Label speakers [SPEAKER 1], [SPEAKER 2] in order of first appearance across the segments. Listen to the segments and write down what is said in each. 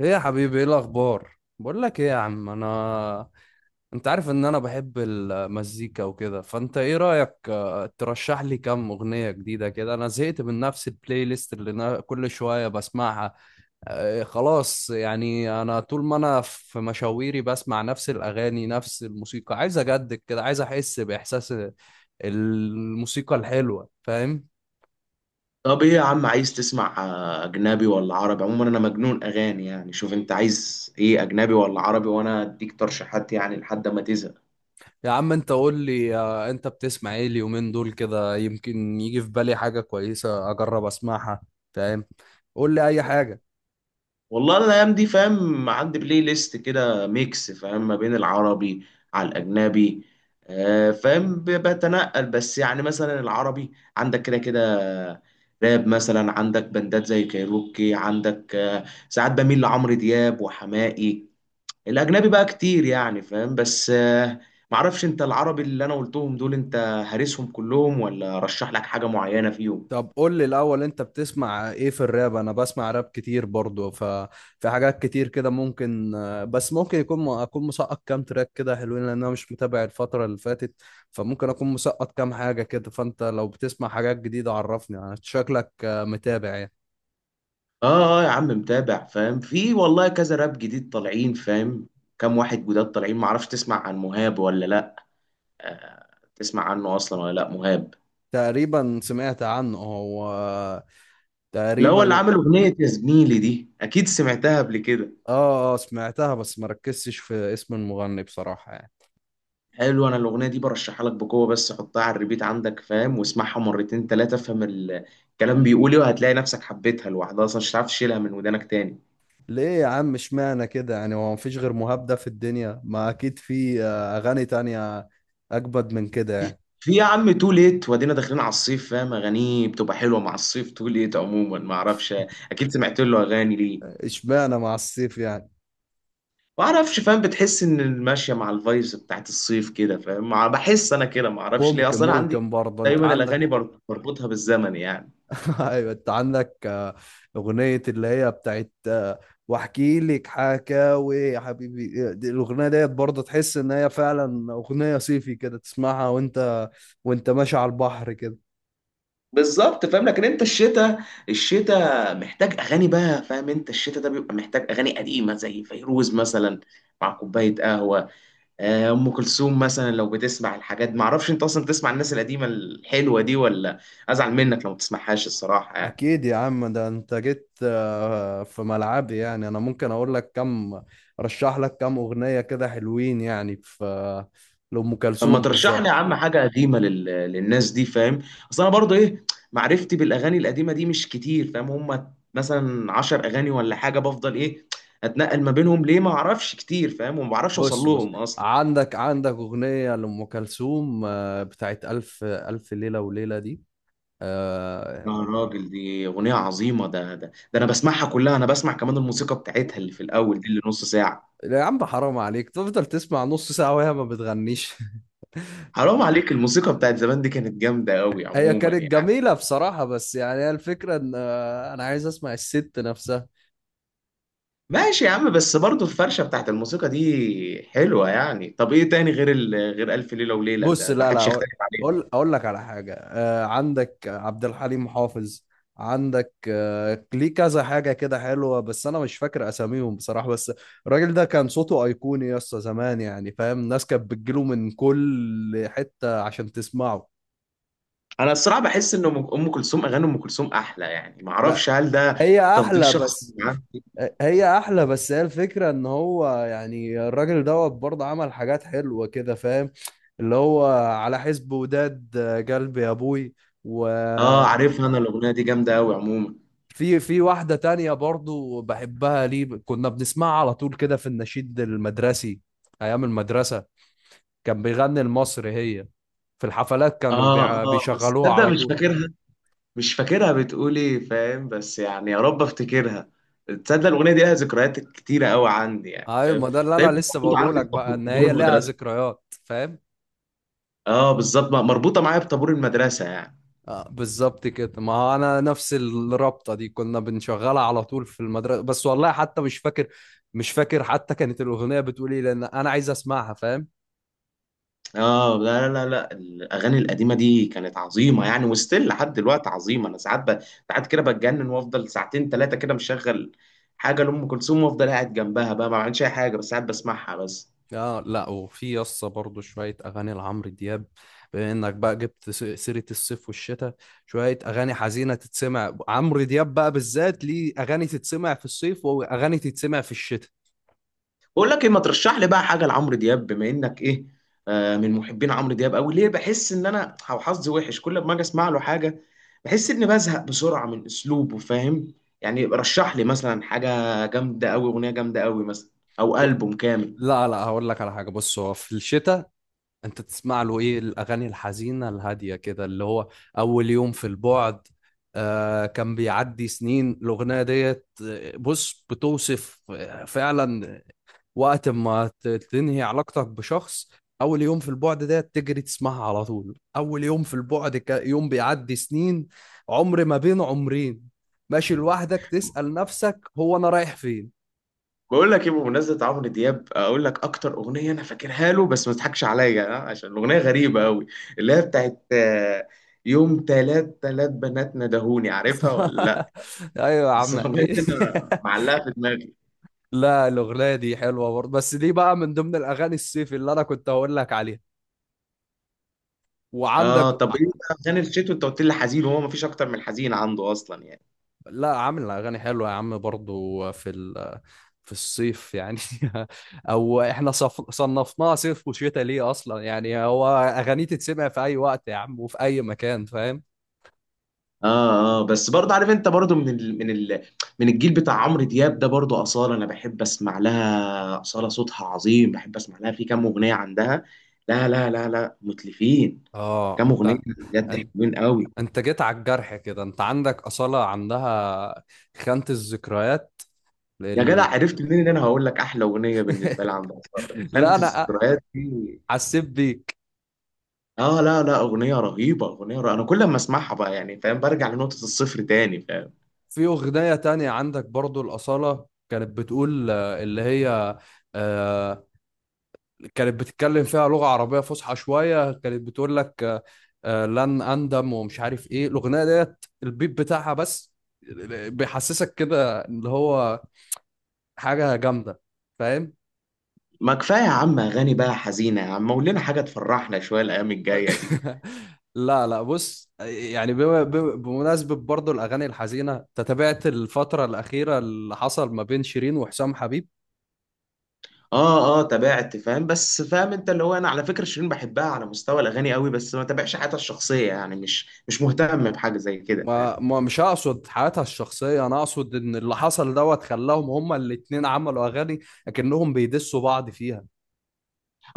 [SPEAKER 1] ايه يا حبيبي، ايه الاخبار؟ بقول لك ايه يا عم. انا انت عارف ان انا بحب المزيكا وكده، فانت ايه رايك؟ ترشح لي كام اغنيه جديده كده. انا زهقت من نفس البلاي ليست اللي انا كل شويه بسمعها. خلاص يعني انا طول ما انا في مشاويري بسمع نفس الاغاني نفس الموسيقى. عايز اجدد كده، عايز احس باحساس الموسيقى الحلوه، فاهم؟
[SPEAKER 2] طب ايه يا عم عايز تسمع اجنبي ولا عربي؟ عموما انا مجنون اغاني يعني. شوف انت عايز ايه، اجنبي ولا عربي، وانا اديك ترشيحات يعني لحد ما تزهق.
[SPEAKER 1] يا عم انت قول لي، انت بتسمع ايه اليومين دول كده؟ يمكن يجي في بالي حاجة كويسة اجرب اسمعها. فاهم؟ قول لي اي حاجة.
[SPEAKER 2] والله الايام دي فاهم، عندي بلاي ليست كده ميكس فاهم، ما بين العربي على الاجنبي. فاهم، بتنقل. بس يعني مثلا العربي عندك كده كده راب مثلا، عندك بندات زي كايروكي، عندك ساعات بميل لعمرو دياب وحماقي. الاجنبي بقى كتير يعني فاهم. بس معرفش، انت العربي اللي انا قلتهم دول انت هارسهم كلهم ولا رشح لك حاجة معينة فيهم؟
[SPEAKER 1] طب قول لي الاول، انت بتسمع ايه في الراب؟ انا بسمع راب كتير برضو، ففي حاجات كتير كده ممكن، بس ممكن يكون اكون مسقط كام تراك كده حلوين، لان انا مش متابع الفترة اللي فاتت. فممكن اكون مسقط كام حاجة كده. فانت لو بتسمع حاجات جديدة عرفني، يعني شكلك متابع يعني.
[SPEAKER 2] اه اه يا عم متابع فاهم. في والله كذا راب جديد طالعين فاهم، كام واحد جداد طالعين. معرفش تسمع عن مهاب ولا لا؟ آه، تسمع عنه اصلا ولا لا؟ مهاب
[SPEAKER 1] تقريبا سمعت عنه هو،
[SPEAKER 2] اللي هو اللي
[SPEAKER 1] تقريبا.
[SPEAKER 2] عامل اغنية يا زميلي دي، اكيد سمعتها قبل كده.
[SPEAKER 1] اه اه، سمعتها بس ما ركزتش في اسم المغني بصراحة يعني.
[SPEAKER 2] حلو، انا الاغنيه دي برشحها لك بقوه، بس حطها على الريبيت عندك فاهم، واسمعها مرتين ثلاثه افهم الكلام بيقول ايه، وهتلاقي نفسك حبيتها لوحدها اصلا، مش هتعرف تشيلها من ودانك تاني.
[SPEAKER 1] ليه يا عم اشمعنى كده يعني؟ هو مفيش غير مهاب ده في الدنيا؟ ما اكيد في اغاني تانية اكبد من كده يعني.
[SPEAKER 2] في يا عم تو ليت، وادينا داخلين على الصيف فاهم، اغانيه بتبقى حلوه مع الصيف. تو ليت عموما ما اعرفش، اكيد سمعت له اغاني. ليه؟
[SPEAKER 1] اشمعنى مع السيف يعني؟
[SPEAKER 2] ما اعرفش فاهم، بتحس ان ماشيه مع الفايبس بتاعت الصيف كده فاهم. بحس انا كده، ما اعرفش ليه
[SPEAKER 1] ممكن،
[SPEAKER 2] اصلا. أنا عندي
[SPEAKER 1] ممكن برضه انت
[SPEAKER 2] دايما
[SPEAKER 1] عندك.
[SPEAKER 2] الاغاني بربطها بالزمن يعني.
[SPEAKER 1] ايوه، انت عندك اغنية اللي هي بتاعت، واحكي لك حكاوي يا حبيبي. الاغنية ديت برضه تحس ان هي فعلا اغنية صيفي كده، تسمعها وانت، وانت ماشي على البحر كده.
[SPEAKER 2] بالظبط فاهم. لكن انت الشتاء، الشتاء محتاج اغاني بقى فاهم، انت الشتاء ده بيبقى محتاج اغاني قديمه زي فيروز مثلا مع كوبايه قهوه. ام كلثوم مثلا لو بتسمع الحاجات، ما اعرفش انت اصلا بتسمع الناس القديمه الحلوه دي ولا؟ ازعل منك لو ما بتسمعهاش الصراحه يعني.
[SPEAKER 1] اكيد يا عم، ده انت جيت في ملعبي يعني. انا ممكن اقول لك كم، رشح لك كم اغنية كده حلوين، يعني في لأم
[SPEAKER 2] طب ما
[SPEAKER 1] كلثوم
[SPEAKER 2] ترشح لي يا
[SPEAKER 1] بالذات.
[SPEAKER 2] عم حاجه قديمه للناس دي فاهم. اصل انا برضو ايه، معرفتي بالاغاني القديمه دي مش كتير فاهم. هم مثلا 10 اغاني ولا حاجه، بفضل ايه اتنقل ما بينهم؟ ليه؟ ما اعرفش كتير فاهم، وما بعرفش اوصل
[SPEAKER 1] بص بص،
[SPEAKER 2] لهم اصلا.
[SPEAKER 1] عندك اغنية لأم كلثوم بتاعت ألف ليلة وليلة دي. آه،
[SPEAKER 2] يا راجل دي أغنية عظيمة. ده أنا بسمعها كلها، أنا بسمع كمان الموسيقى بتاعتها اللي في الأول دي اللي نص ساعة.
[SPEAKER 1] يا عم حرام عليك تفضل تسمع نص ساعة وهي ما بتغنيش.
[SPEAKER 2] حرام عليك، الموسيقى بتاعت زمان دي كانت جامدة أوي
[SPEAKER 1] هي
[SPEAKER 2] عموما
[SPEAKER 1] كانت
[SPEAKER 2] يعني.
[SPEAKER 1] جميلة بصراحة، بس يعني هي الفكرة ان انا عايز اسمع الست نفسها.
[SPEAKER 2] ماشي يا عم، بس برضه الفرشة بتاعت الموسيقى دي حلوة يعني. طب إيه تاني غير غير ألف ليلة وليلة؟
[SPEAKER 1] بص،
[SPEAKER 2] ده
[SPEAKER 1] لا لا،
[SPEAKER 2] محدش
[SPEAKER 1] اقول
[SPEAKER 2] يختلف عليه.
[SPEAKER 1] اقول أقول لك على حاجه. آه، عندك عبد الحليم حافظ، عندك آه، ليه كذا حاجه كده حلوه بس انا مش فاكر اساميهم بصراحه. بس الراجل ده كان صوته ايقوني يا اسطى، زمان يعني، فاهم؟ الناس كانت بتجيله من كل حته عشان تسمعه.
[SPEAKER 2] أنا الصراحة بحس إن أم كلثوم، أغاني أم كلثوم أحلى يعني،
[SPEAKER 1] ما
[SPEAKER 2] معرفش هل ده
[SPEAKER 1] هي
[SPEAKER 2] تفضيل
[SPEAKER 1] احلى
[SPEAKER 2] شخصي
[SPEAKER 1] بس
[SPEAKER 2] عندي.
[SPEAKER 1] هي احلى بس. هي الفكره ان هو يعني الراجل دوت برضه عمل حاجات حلوه كده، فاهم؟ اللي هو على حسب وداد، قلبي يا ابوي. و
[SPEAKER 2] آه عارفها، أنا الأغنية دي جامدة أوي عموما.
[SPEAKER 1] في في واحدة تانية برضو بحبها، ليه كنا بنسمعها على طول كده في النشيد المدرسي، أيام المدرسة. كان بيغني المصري هي، في الحفلات كانوا
[SPEAKER 2] آه آه، بس
[SPEAKER 1] بيشغلوها
[SPEAKER 2] تصدق
[SPEAKER 1] على
[SPEAKER 2] مش
[SPEAKER 1] طول.
[SPEAKER 2] فاكرها، مش فاكرها بتقول ايه فاهم، بس يعني يا رب افتكرها. تصدق الاغنيه دي لها ذكريات كتيره قوي عندي يعني
[SPEAKER 1] أيوة،
[SPEAKER 2] فاهم،
[SPEAKER 1] ما ده اللي أنا
[SPEAKER 2] دايما
[SPEAKER 1] لسه
[SPEAKER 2] مربوطه
[SPEAKER 1] بقوله
[SPEAKER 2] عندي
[SPEAKER 1] لك بقى، إن
[SPEAKER 2] بطابور
[SPEAKER 1] هي لها
[SPEAKER 2] المدرسه.
[SPEAKER 1] ذكريات، فاهم؟
[SPEAKER 2] اه بالظبط، مربوطه معايا بطابور المدرسه يعني.
[SPEAKER 1] آه بالظبط كده. ما هو أنا نفس الرابطة دي كنا بنشغلها على طول في المدرسة، بس والله حتى مش فاكر، مش فاكر حتى كانت الأغنية بتقول إيه، لأن أنا عايز أسمعها، فاهم؟
[SPEAKER 2] اه لا لا لا لا، الاغاني القديمه دي كانت عظيمه يعني، وستيل لحد دلوقتي عظيمه. انا ساعات ساعات كده بتجنن، وافضل ساعتين ثلاثه كده مشغل حاجه لام كلثوم، وافضل قاعد جنبها بقى ما بعملش اي حاجه، بس ساعات بسمعها بس.
[SPEAKER 1] اه لا، وفي يسطا برضه شوية أغاني لعمرو دياب، بما إنك بقى جبت سيرة الصيف والشتاء. شوية أغاني حزينة تتسمع عمرو دياب بقى بالذات، ليه أغاني تتسمع في الصيف وأغاني تتسمع في الشتاء.
[SPEAKER 2] بقول لك ايه، ما ترشح لي بقى حاجه لعمرو دياب بما انك ايه، آه من محبين عمرو دياب قوي. ليه بحس ان انا أو حظي وحش، كل ما اجي اسمع له حاجه بحس اني بزهق بسرعه من اسلوبه فاهم. يعني رشح لي مثلا حاجه جامده قوي، اغنيه جامده قوي مثلا، او
[SPEAKER 1] ب-
[SPEAKER 2] البوم كامل.
[SPEAKER 1] لا لا، هقول لك على حاجة. بص هو في الشتاء، أنت تسمع له إيه؟ الأغاني الحزينة الهادية كده، اللي هو أول يوم في البعد. آه كان بيعدي سنين، الأغنية ديت، بص بتوصف فعلا وقت ما تنهي علاقتك بشخص. اول يوم في البعد ده تجري تسمعها على طول. اول يوم في البعد، يوم بيعدي سنين، عمر ما بين عمرين، ماشي لوحدك تسأل نفسك هو انا رايح فين.
[SPEAKER 2] بقول لك ايه، بمناسبه عمرو دياب اقول لك اكتر اغنيه انا فاكرها له، بس ما تضحكش عليا عشان الاغنيه غريبه قوي، اللي هي بتاعت يوم تلات تلات بنات ندهوني، عارفها ولا لا؟
[SPEAKER 1] ايوه يا
[SPEAKER 2] بس
[SPEAKER 1] عم،
[SPEAKER 2] الاغنيه
[SPEAKER 1] اكيد.
[SPEAKER 2] دي أنا معلقه في دماغي.
[SPEAKER 1] لا الاغنيه دي حلوه برضه، بس دي بقى من ضمن الاغاني الصيف اللي انا كنت هقول لك عليها.
[SPEAKER 2] اه
[SPEAKER 1] وعندك،
[SPEAKER 2] طب ايه بقى غني الشتوي؟ انت قلت لي حزين، وهو مفيش اكتر من حزين عنده اصلا يعني.
[SPEAKER 1] لا، عامل اغاني حلوه يا عم برضو في الصيف يعني. او احنا صنفناها صيف وشتاء ليه اصلا يعني؟ هو اغاني تتسمع في اي وقت يا عم، وفي اي مكان، فاهم؟
[SPEAKER 2] اه اه، بس برضه عارف انت برضه من الجيل بتاع عمرو دياب ده، برضه اصاله انا بحب اسمع لها، اصاله صوتها عظيم، بحب اسمع لها في كام اغنيه عندها. لا لا لا لا متلفين،
[SPEAKER 1] اه،
[SPEAKER 2] كام اغنيه بجد
[SPEAKER 1] انت
[SPEAKER 2] حلوين قوي.
[SPEAKER 1] انت جيت على الجرح كده. انت عندك اصاله، عندها خانه الذكريات،
[SPEAKER 2] يا جدع
[SPEAKER 1] ال...
[SPEAKER 2] عرفت منين ان انا هقول لك احلى اغنيه بالنسبه لي عند اصاله،
[SPEAKER 1] لا
[SPEAKER 2] خانت
[SPEAKER 1] انا
[SPEAKER 2] الذكريات دي؟
[SPEAKER 1] حسيت بيك.
[SPEAKER 2] اه لا لا، اغنيه رهيبه، اغنيه رهيبة. انا كل ما اسمعها بقى يعني فاهم، برجع لنقطه الصفر تاني فاهم.
[SPEAKER 1] في اغنيه تانية عندك برضو الاصاله كانت بتقول اللي هي كانت بتتكلم فيها لغة عربية فصحى شوية. كانت بتقول لك لن أندم، ومش عارف إيه الأغنية ديت، البيت بتاعها بس بيحسسك كده، اللي هو حاجة جامدة، فاهم؟
[SPEAKER 2] ما كفاية يا عم أغاني بقى حزينة يا عم، قول لنا حاجة تفرحنا شوية الأيام الجاية دي.
[SPEAKER 1] لا لا، بص يعني، بمناسبة برضو الأغاني الحزينة، أنت تابعت الفترة الأخيرة اللي حصل ما بين شيرين وحسام حبيب؟
[SPEAKER 2] آه آه تابعت فاهم، بس فاهم أنت اللي هو، أنا على فكرة شيرين بحبها على مستوى الأغاني قوي، بس ما تابعش حياتها الشخصية يعني، مش مهتم بحاجة زي كده فاهم.
[SPEAKER 1] ما ما مش هقصد حياتها الشخصية، أنا أقصد إن اللي حصل دوت خلاهم هما الاتنين عملوا أغاني أكنهم بيدسوا بعض فيها.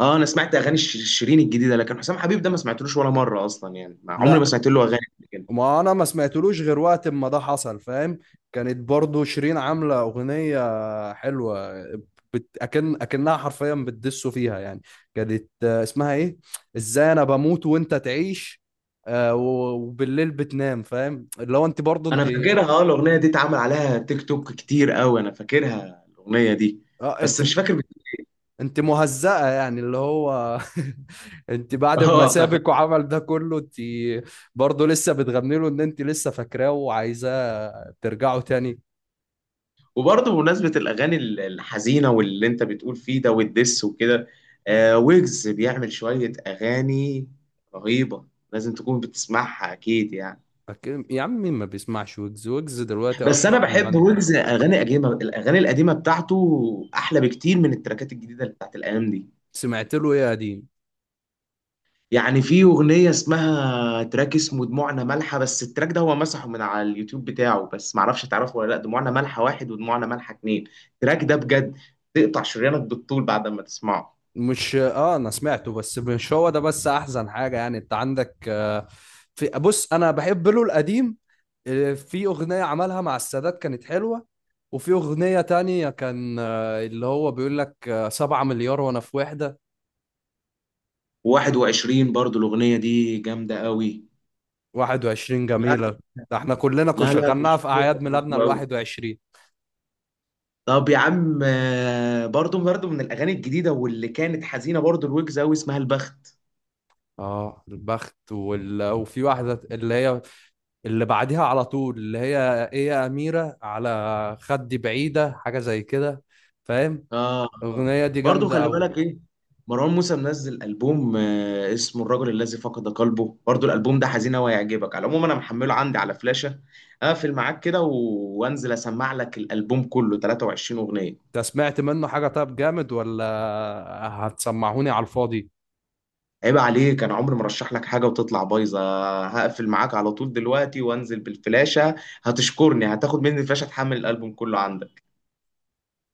[SPEAKER 2] آه أنا سمعت أغاني شيرين الجديدة، لكن حسام حبيب ده ما سمعتلوش ولا مرة أصلا يعني، ما عمري ما
[SPEAKER 1] لا،
[SPEAKER 2] سمعت له أغاني قبل كده.
[SPEAKER 1] ما انا ما سمعتلوش غير وقت ما ده حصل، فاهم؟ كانت برضو شيرين عامله اغنيه حلوه، اكنها حرفيا بتدسوا فيها يعني. كانت اسمها ايه، ازاي انا بموت وانت تعيش، وبالليل بتنام، فاهم؟ اللي هو انت برضو
[SPEAKER 2] أنا
[SPEAKER 1] انت،
[SPEAKER 2] فاكرها آه، الأغنية دي اتعمل عليها تيك توك كتير قوي، أنا فاكرها الأغنية دي،
[SPEAKER 1] اه انت،
[SPEAKER 2] بس مش فاكر
[SPEAKER 1] انت مهزأة يعني، اللي هو انت بعد ما
[SPEAKER 2] آه.
[SPEAKER 1] سابك وعمل ده كله، انت برضه لسه بتغني له ان انت لسه فاكراه وعايزاه ترجعوا تاني.
[SPEAKER 2] وبرضه بمناسبة الأغاني الحزينة، واللي أنت بتقول فيه ده والدس وكده، آه ويجز بيعمل شوية أغاني رهيبة، لازم تكون بتسمعها أكيد يعني.
[SPEAKER 1] أكيد يا عم، مين ما بيسمعش ويجز؟ ويجز دلوقتي
[SPEAKER 2] بس
[SPEAKER 1] أشهر
[SPEAKER 2] أنا بحب
[SPEAKER 1] مغني.
[SPEAKER 2] ويجز أغاني قديمة، الأغاني القديمة بتاعته أحلى بكتير من التراكات الجديدة اللي بتاعت الأيام دي.
[SPEAKER 1] سمعت له إيه يا قديم؟
[SPEAKER 2] يعني في أغنية اسمها تراك اسمه دموعنا مالحة، بس التراك ده هو مسحه من على اليوتيوب بتاعه، بس معرفش تعرفه ولا لأ. دموعنا مالحة واحد ودموعنا مالحة اتنين، التراك ده بجد تقطع شريانك بالطول بعد ما تسمعه.
[SPEAKER 1] مش أنا سمعته، بس مش هو ده بس أحزن حاجة يعني. أنت عندك في، بص أنا بحب له القديم. في أغنية عملها مع السادات كانت حلوة. وفي أغنية تانية كان اللي هو بيقول لك 7 مليار وأنا في وحدة،
[SPEAKER 2] و21 برضو الأغنية دي جامدة قوي.
[SPEAKER 1] 21
[SPEAKER 2] لا
[SPEAKER 1] جميلة. ده احنا كلنا كنا
[SPEAKER 2] لا لا،
[SPEAKER 1] شغلناها
[SPEAKER 2] مش
[SPEAKER 1] في
[SPEAKER 2] مش
[SPEAKER 1] أعياد ميلادنا
[SPEAKER 2] حلوة قوي.
[SPEAKER 1] الـ21.
[SPEAKER 2] طب يا عم برضو برضو من الأغاني الجديدة واللي كانت حزينة، برضو الويجز قوي اسمها البخت.
[SPEAKER 1] اه البخت، وفي واحدة اللي هي اللي بعديها على طول، اللي هي ايه، يا أميرة على خدي بعيدة، حاجة زي كده، فاهم؟
[SPEAKER 2] اه اه،
[SPEAKER 1] الأغنية دي
[SPEAKER 2] برضو
[SPEAKER 1] جامدة
[SPEAKER 2] خلي
[SPEAKER 1] أوي.
[SPEAKER 2] بالك ايه، مروان موسى منزل ألبوم اسمه الرجل الذي فقد قلبه، برضو الألبوم ده حزين أوي هيعجبك على العموم. أنا محمله عندي على فلاشة، أقفل معاك كده وأنزل أسمع لك الألبوم كله 23 أغنية.
[SPEAKER 1] انت سمعت منه حاجة طب، جامد ولا هتسمعوني على الفاضي؟
[SPEAKER 2] عيب عليك، انا عمري ما رشح لك حاجه وتطلع بايظه. هقفل معاك على طول دلوقتي وانزل بالفلاشه، هتشكرني، هتاخد مني الفلاشه تحمل الالبوم كله عندك.